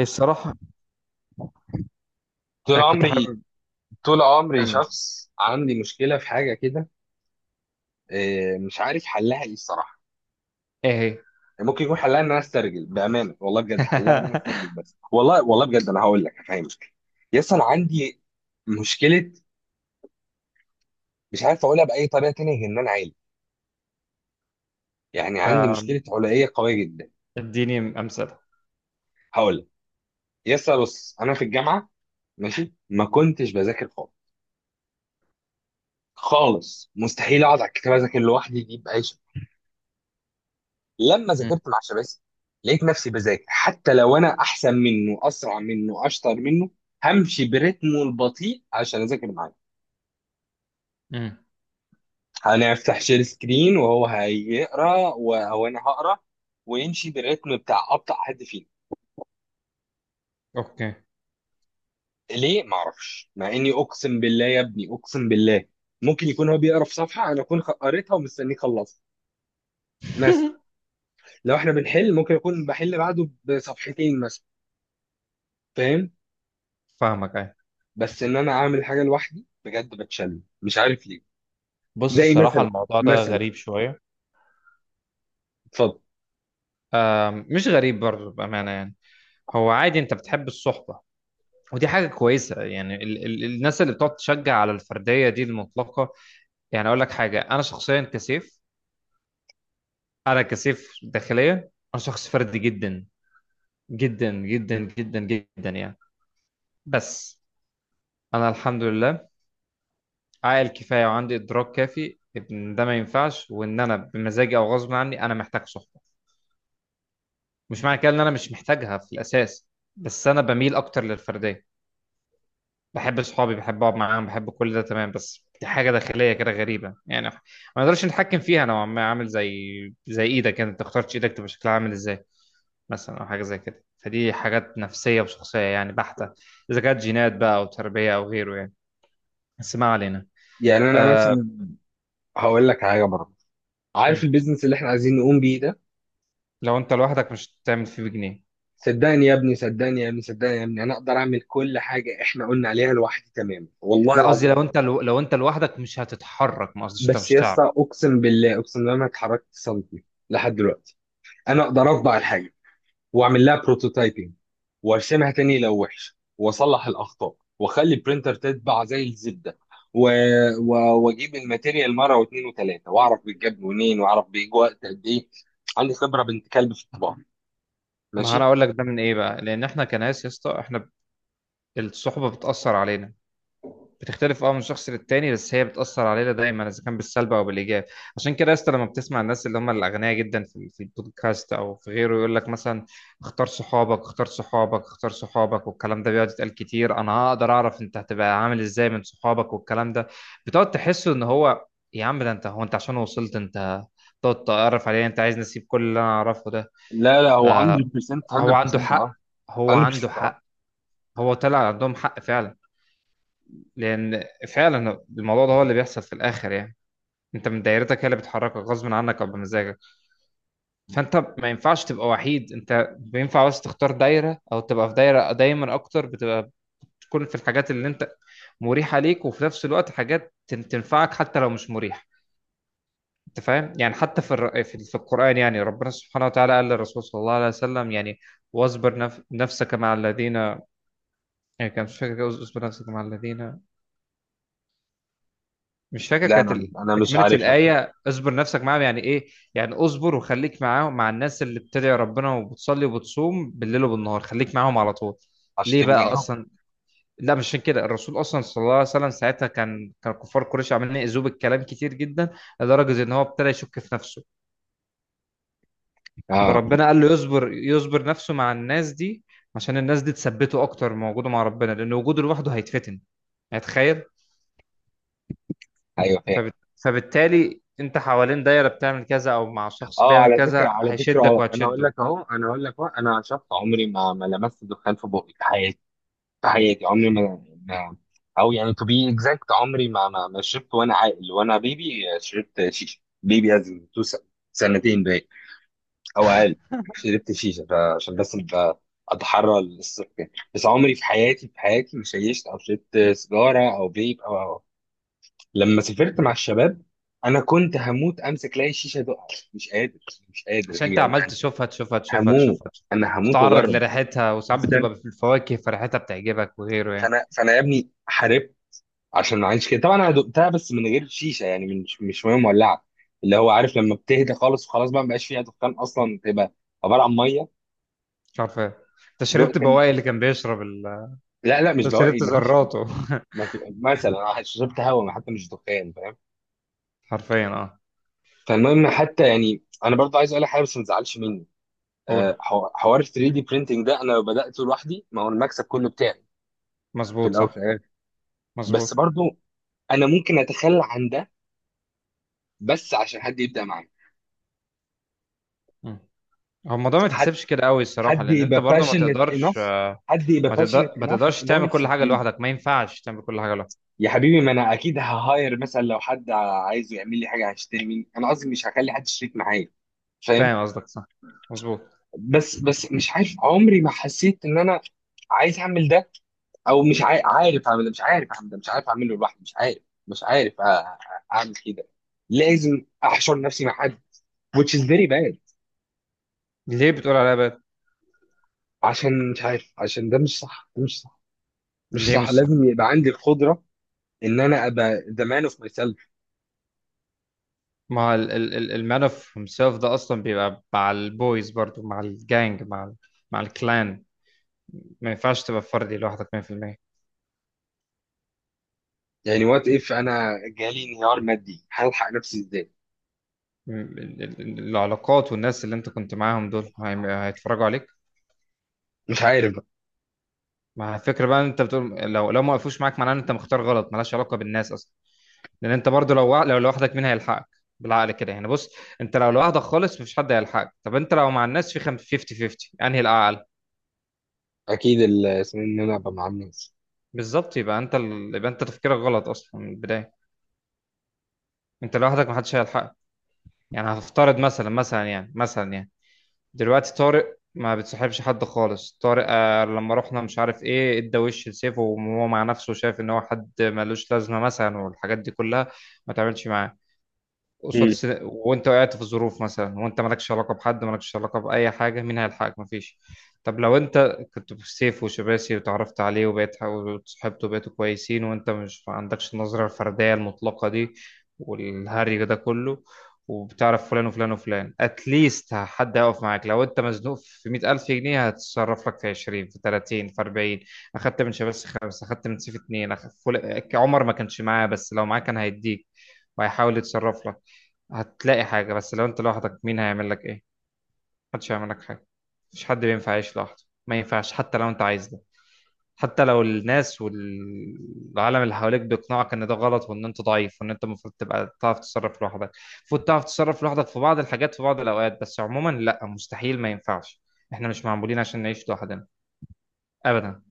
الصراحة طول أنا كنت عمري حابب. طول عمري أنا شخص عندي مشكلة في حاجة كده. إيه، مش عارف حلها ايه الصراحة. إيه هي؟ ممكن يكون حلها ان انا استرجل بأمانة، والله بجد حلها ان انا استرجل، بس والله والله بجد انا هقول لك هفهمك. يس انا عندي مشكلة. مش عارف اقولها بأي طريقة تانية غير ان انا عالي. يعني عندي آم، مشكلة علائية قوية جدا. اديني أمثلة. هقول لك. يس بص انا في الجامعة ماشي، ما كنتش بذاكر خالص. خالص مستحيل اقعد على الكتاب اذاكر لوحدي دي بأي شكل. لما مم، ذاكرت مع شباسي لقيت نفسي بذاكر حتى لو انا احسن منه، اسرع منه، اشطر منه. همشي برتمه البطيء عشان اذاكر معاه. مم، هنفتح شير سكرين وهو هيقرا وانا هقرا ويمشي بالرتم بتاع ابطا حد فينا. أوكي. ليه؟ ما اعرفش، مع اني اقسم بالله يا ابني اقسم بالله ممكن يكون هو بيقرا في صفحه انا اكون قريتها ومستنيه يخلصها. مثلا لو احنا بنحل ممكن اكون بحل بعده بصفحتين مثلا. فاهم. فاهمك، أيوة. بس ان انا اعمل حاجه لوحدي بجد بتشل، مش عارف ليه. بص، زي الصراحة الموضوع ده مثلا. غريب شوية. اتفضل. مش غريب برضه بأمانة يعني. هو عادي، أنت بتحب الصحبة، ودي حاجة كويسة يعني. ال الناس اللي بتقعد تشجع على الفردية دي المطلقة، يعني أقول لك حاجة، أنا شخصيا كسيف. أنا كسيف داخليا. أنا شخص فردي جدا، جدا جدا جدا جدا يعني. بس أنا الحمد لله عاقل كفايه وعندي ادراك كافي ان ده ما ينفعش، وان انا بمزاجي او غصب عني انا محتاج صحبه. مش معنى كده ان انا مش محتاجها في الاساس، بس انا بميل اكتر للفرديه. بحب صحابي، بحب اقعد معاهم، بحب كل ده تمام، بس دي حاجه داخليه كده غريبه يعني ما نقدرش نتحكم فيها نوعا ما. عامل زي زي ايدك، انت اخترتش ايدك تبقى شكلها عامل ازاي مثلا، او حاجه زي كده. فدي حاجات نفسيه وشخصيه يعني بحته، اذا كانت جينات بقى او تربيه او غيره يعني. بس ما علينا. يعني انا أه... مثلا هقول لك حاجه برضه. عارف البيزنس اللي احنا عايزين نقوم بيه ده؟ لو انت لوحدك مش هتعمل فيه بجنيه. صدقني يا ابني، صدقني يا ابني، صدقني يا ابني انا اقدر اعمل كل حاجه احنا قلنا عليها لوحدي تماما، والله لا قصدي العظيم لو أقدر. انت لو انت لوحدك مش هتتحرك، ما قصديش انت بس مش يا هتعرف. اسطى، اقسم بالله اقسم بالله ما اتحركت سنتي لحد دلوقتي. انا اقدر اطبع الحاجه واعمل لها بروتوتايبنج وارسمها تاني لو وحش واصلح الاخطاء واخلي البرينتر تتبع زي الزبده. و... و... واجيب الماتيريال مره واثنين وثلاثه، واعرف بيتجاب منين واعرف بيجي وقت قد ايه. عندي خبره بنت كلب في الطباعه. ما انا ماشي. اقول لك ده من ايه بقى؟ لان احنا كناس يا اسطى، احنا الصحبه بتاثر علينا. بتختلف اه من شخص للتاني، بس هي بتأثر علينا دايما، اذا كان بالسلب او بالايجاب. عشان كده يا اسطى، لما بتسمع الناس اللي هم الاغنياء جدا في البودكاست او في غيره يقول لك مثلا اختار صحابك اختار صحابك اختار صحابك، والكلام ده بيقعد يتقال كتير، انا هقدر اعرف انت هتبقى عامل ازاي من صحابك والكلام ده، بتقعد تحس ان هو يا عم ده انت، هو انت عشان وصلت انت تقعد تعرف عليه، انت عايز نسيب كل اللي انا اعرفه ده؟ لا لا، هو آه، 100% هو عنده 100% حق، اه. هو عنده 100% اه. حق. هو طلع عندهم حق فعلا، لان فعلا الموضوع ده هو اللي بيحصل في الاخر يعني. انت من دايرتك هي اللي بتحركك غصب عنك او بمزاجك، فانت ما ينفعش تبقى وحيد. انت بينفع بس تختار دايره او تبقى في دايره دايما اكتر، بتبقى بتكون في الحاجات اللي انت مريحه ليك، وفي نفس الوقت حاجات تنفعك حتى لو مش مريحه. انت فاهم يعني؟ حتى في في القران يعني، ربنا سبحانه وتعالى قال للرسول صلى الله عليه وسلم يعني واصبر نفسك مع الذين، يعني كان مش فاكر، اصبر نفسك مع الذين، مش فاكر لا، كانت انا انا مش تكملة عارفها بصراحة. الآية. اصبر نفسك معاهم يعني إيه؟ يعني اصبر وخليك معاهم، مع الناس اللي بتدعي ربنا وبتصلي وبتصوم بالليل وبالنهار، خليك معاهم على طول. ليه عشان تبقى بقى زيهم. أصلا؟ لا مش عشان كده. الرسول أصلا صلى الله عليه وسلم ساعتها كان كفار قريش عمالين يأذوه بالكلام كتير جدا، لدرجة إن هو ابتدى يشك في نفسه. اه، فربنا قال له يصبر، يصبر نفسه مع الناس دي، عشان الناس دي تثبته أكتر، من وجوده مع ربنا لأن وجوده لوحده هيتفتن. يعني تخيل. ايوه فاهم. فبت... فبالتالي انت حوالين دايره بتعمل كذا او مع شخص اه بيعمل على فكره، كذا، على فكره، هيشدك اه انا اقول وهتشده. لك اهو، انا اقول لك اهو، انا شخص عمري ما لمست دخان في بقي في حياتي. ده حقيقي، عمري او يعني to be exact عمري ما شربت. وانا عاقل وانا بيبي شربت شيشه بيبي، از إن تو سنتين باين، او اقل. شربت شيشه عشان بس أبقى اتحرى الصف يعني. بس عمري في حياتي، في حياتي ما شيشت او شربت سيجاره او فيب او. لما سافرت مع الشباب انا كنت هموت امسك لاي شيشه دقع. مش قادر، مش قادر عشان هي انت عمال يعني. تشوفها تشوفها تشوفها هموت، تشوفها تشوفها، انا هموت تتعرض واجرب. لريحتها، وساعات فانا بتبقى في الفواكه فريحتها بتعجبك وغيره يعني. فانا فأنا يا ابني حاربت عشان عايش كده. طبعا انا دقتها، بس من غير شيشه، يعني من مش ميه مولعه، اللي هو عارف لما بتهدى خالص وخلاص بقى مبقاش فيها دخان اصلا، تبقى عباره عن ميه. مش عارف ايه. انت دقت شربت ال- بواقي اللي كان بيشرب لا لا، مش انت بواقي، شربت مفيش. ذراته. مثلا أنا شربت هواء حتى، مش دخان، فاهم. حرفيا اه. فالمهم، حتى يعني انا برضه عايز اقول لك حاجه بس ما تزعلش مني. قول. حوار ال 3 دي برينتنج ده انا لو بداته لوحدي ما هو المكسب كله بتاعي في مظبوط، الاول صح. في الاخر. مظبوط. بس برضه انا ممكن اتخلى عن ده بس عشان حد يبدا معايا. مم. هو الموضوع ما يتحسبش كده قوي الصراحه، حد لان انت يبقى برضو ما باشنت تقدرش. انف حد يبقى باشنت ما انف تقدرش ان هو تعمل كل حاجه يشدني. لوحدك، ما ينفعش تعمل كل حاجه لوحدك. يا حبيبي، ما انا اكيد ههاير مثلا لو حد عايز يعمل لي حاجه، هشتري مني، انا قصدي مش هخلي حد شريك معايا. فاهم. فاهم قصدك، صح. مظبوط. بس مش عارف، عمري ما حسيت ان انا عايز اعمل ده. او مش عارف اعمل ده، مش عارف اعمل ده، مش عارف اعمله لوحدي، مش عارف، مش عارف اعمل كده. لازم احشر نفسي مع حد which is very bad. ليه بتقول عليها بقى؟ عشان مش عارف، عشان ده مش صح، ده مش صح. مش ليه صح، مش صح؟ لازم يبقى عندي القدره ان انا ابقى the man of myself. ما المان اوف هيمسيلف ده اصلا بيبقى مع البويز برضو، مع الجانج، مع مع الكلان. ما ينفعش تبقى فردي لوحدك 100%. يعني وات اف انا جالي انهيار مادي، هلحق نفسي ازاي؟ العلاقات والناس اللي انت كنت معاهم دول هيتفرجوا عليك. مش عارف بقى. ما الفكره بقى ان انت بتقول لو ما وقفوش معاك، معناه ان انت مختار غلط. ملهاش علاقه بالناس اصلا، لان انت برضو لو لو لوحدك مين هيلحقك؟ بالعقل كده يعني. بص، انت لو لوحدك خالص مفيش حد هيلحقك. طب انت لو مع الناس في 50 50، انهي الاعلى؟ اكيد اسمه إيه، ان انا ابقى مع الناس. بالظبط. يبقى انت يبقى انت تفكيرك غلط اصلا من البدايه. انت لوحدك محدش هيلحقك. يعني هفترض مثلا، مثلا يعني دلوقتي طارق ما بتصاحبش حد خالص، طارق آه لما رحنا مش عارف ايه ادى وش لسيف، وهو مع نفسه شايف ان هو حد ملوش لازمه مثلا، والحاجات دي كلها، ما تعملش معاه قصاد مم. وانت وقعت في ظروف مثلا، وانت مالكش علاقه بحد، مالكش علاقه باي حاجه، مين هيلحقك؟ مفيش. طب لو انت كنت بسيف وشباسي وتعرفت عليه وبقيت وصحبته وبقيتوا كويسين، وانت مش ما عندكش النظره الفرديه المطلقه دي والهري ده كله، وبتعرف فلان وفلان وفلان، اتليست حد هيقف معاك. لو انت مزنوق في 100,000 جنيه، هتتصرف لك في 20، في 30، في 40. اخدت من شباسي خمسة، اخدت من سيف اتنين، عمر ما كانش معاه، بس لو معاه كان هيديك وهيحاول يتصرف لك. هتلاقي حاجة. بس لو انت لوحدك مين هيعمل لك ايه؟ محدش هيعمل لك حاجة. مفيش حد بينفع يعيش لوحده، ما ينفعش حتى لو انت عايز ده، حتى لو الناس والعالم اللي حواليك بيقنعك ان ده غلط، وان انت ضعيف، وان انت المفروض تبقى تعرف تتصرف لوحدك. المفروض تعرف تتصرف لوحدك في بعض الحاجات في بعض الاوقات، بس عموما لا، مستحيل، ما ينفعش. احنا مش معمولين عشان نعيش لوحدنا، ابدا.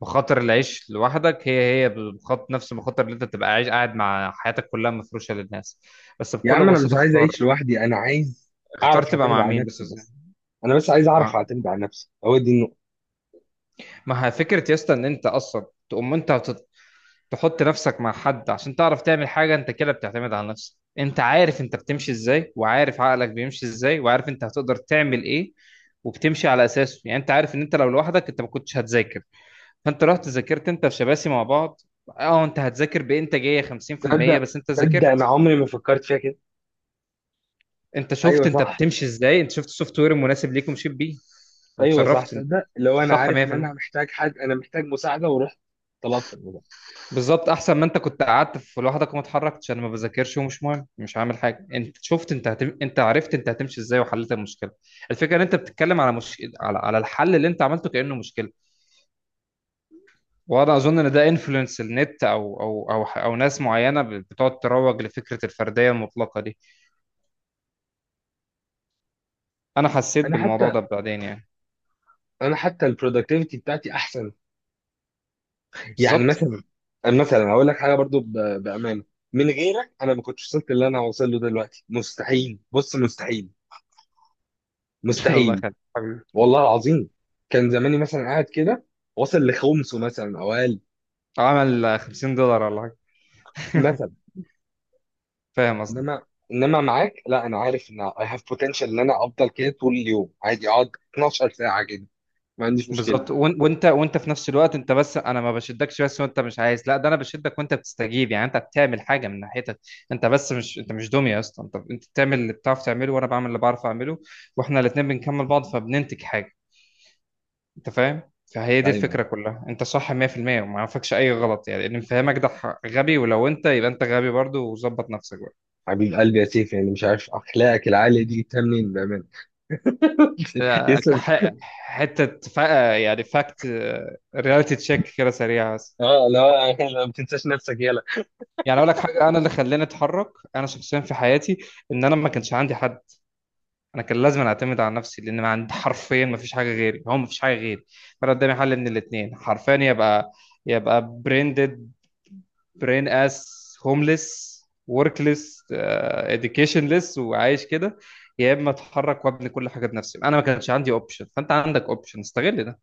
مخاطر العيش لوحدك هي هي بخط نفس المخاطر اللي انت تبقى عايش قاعد مع حياتك كلها مفروشه للناس. بس يا بكل عم انا مش بساطه عايز اختار. اعيش لوحدي، انا عايز اختار اعرف تبقى اعتمد مع على مين بس. نفسي بس. انا بس عايز اعرف ما اعتمد على نفسي، هو دي النقطه. ما هي فكرة يا اسطى ان انت اصلا تقوم انت تحط نفسك مع حد عشان تعرف تعمل حاجة، انت كده بتعتمد على نفسك. انت عارف انت بتمشي ازاي، وعارف عقلك بيمشي ازاي، وعارف انت هتقدر تعمل ايه، وبتمشي على اساسه. يعني انت عارف ان انت لو لوحدك انت ما كنتش هتذاكر، فانت رحت ذاكرت انت وشباسي مع بعض. اه انت هتذاكر بانتاجية 50% تصدق، بس انت تصدق انا ذاكرت. عمري ما فكرت فيها كده. انت شفت ايوه انت صح، بتمشي ازاي، انت شفت السوفت وير المناسب ليك ومشيت بيه، ايوه صح. وتصرفت انت، تصدق، لو انا صح عارف ان انا 100%. محتاج حد، انا محتاج مساعده ورحت طلبت الموضوع. بالظبط، احسن ما انت كنت قعدت في لوحدك وما اتحركتش. انا ما بذاكرش ومش مهم مش عامل حاجه. انت شفت، انت انت عرفت انت هتمشي ازاي، وحليت المشكله. الفكره ان انت بتتكلم على مش... على على الحل اللي انت عملته كانه مشكله. وانا اظن ان ده انفلونس النت او ناس معينه بتقعد تروج لفكره الفرديه المطلقه دي. انا حسيت انا بالموضوع حتى ده بعدين يعني. انا حتى البرودكتيفيتي بتاعتي احسن. يعني بالظبط. مثلا هقول لك حاجه برضو بامانه. من غيرك انا ما كنتش وصلت اللي انا واصل له دلوقتي، مستحيل، بص مستحيل، الله مستحيل. يخليك حبيبي. والله العظيم. كان زماني مثلا قاعد كده، واصل لخمسه مثلا او اقل. عمل 50 دولار ولا حاجه. مثلا. فاهم قصدي. انما معاك، لا انا عارف ان اي هاف بوتنشال ان انا افضل كده طول اليوم عادي، اقعد 12 ساعه كده، ما عنديش مشكله. بالظبط. وانت في نفس الوقت، انت بس، انا ما بشدكش بس وانت مش عايز، لا ده انا بشدك وانت بتستجيب، يعني انت بتعمل حاجه من ناحيتك. انت مش دميه يا اسطى، انت بتعمل اللي بتعرف تعمله، وانا بعمل اللي بعرف اعمله، واحنا الاثنين بنكمل بعض، فبننتج حاجه. انت فاهم؟ فهي دي ايوه، الفكره كلها. انت صح 100%، وما عرفكش اي غلط يعني. اللي مفهمك ده غبي، ولو انت، يبقى انت غبي برضه وظبط نفسك بقى. حبيب قلبي يا سيف، يعني مش عارف اخلاقك العاليه دي جبتها منين بامانه. آه، يسلم. كح- يعني فاكت، رياليتي تشيك كده سريعه. اه لا، لا ما تنساش نفسك يلا. يعني اقول لك حاجه، انا اللي خلاني اتحرك انا شخصيا في حياتي ان انا ما كانش عندي حد. انا كان لازم اعتمد على نفسي، لان ما عندي حرفيا ما فيش حاجه غيري، هو ما فيش حاجه غيري. فانا قدامي حل من الاثنين حرفيا، يبقى يبقى بريندد، برين اس، هومليس، وركليس، اديوكيشنليس، وعايش كده، يا اما اتحرك وابني كل حاجه بنفسي. انا ما كانش عندي اوبشن، فانت عندك اوبشن، استغل ده،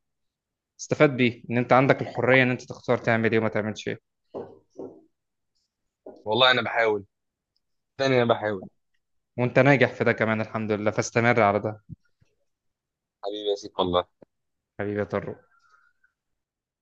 استفاد بيه ان انت عندك الحريه ان انت تختار تعمل ايه وما تعملش ايه. والله انا بحاول، تاني انا بحاول. وانت ناجح في ده كمان الحمد لله، فاستمر على ده. حبيبي يا سيف، والله. حبيبي يا طارق.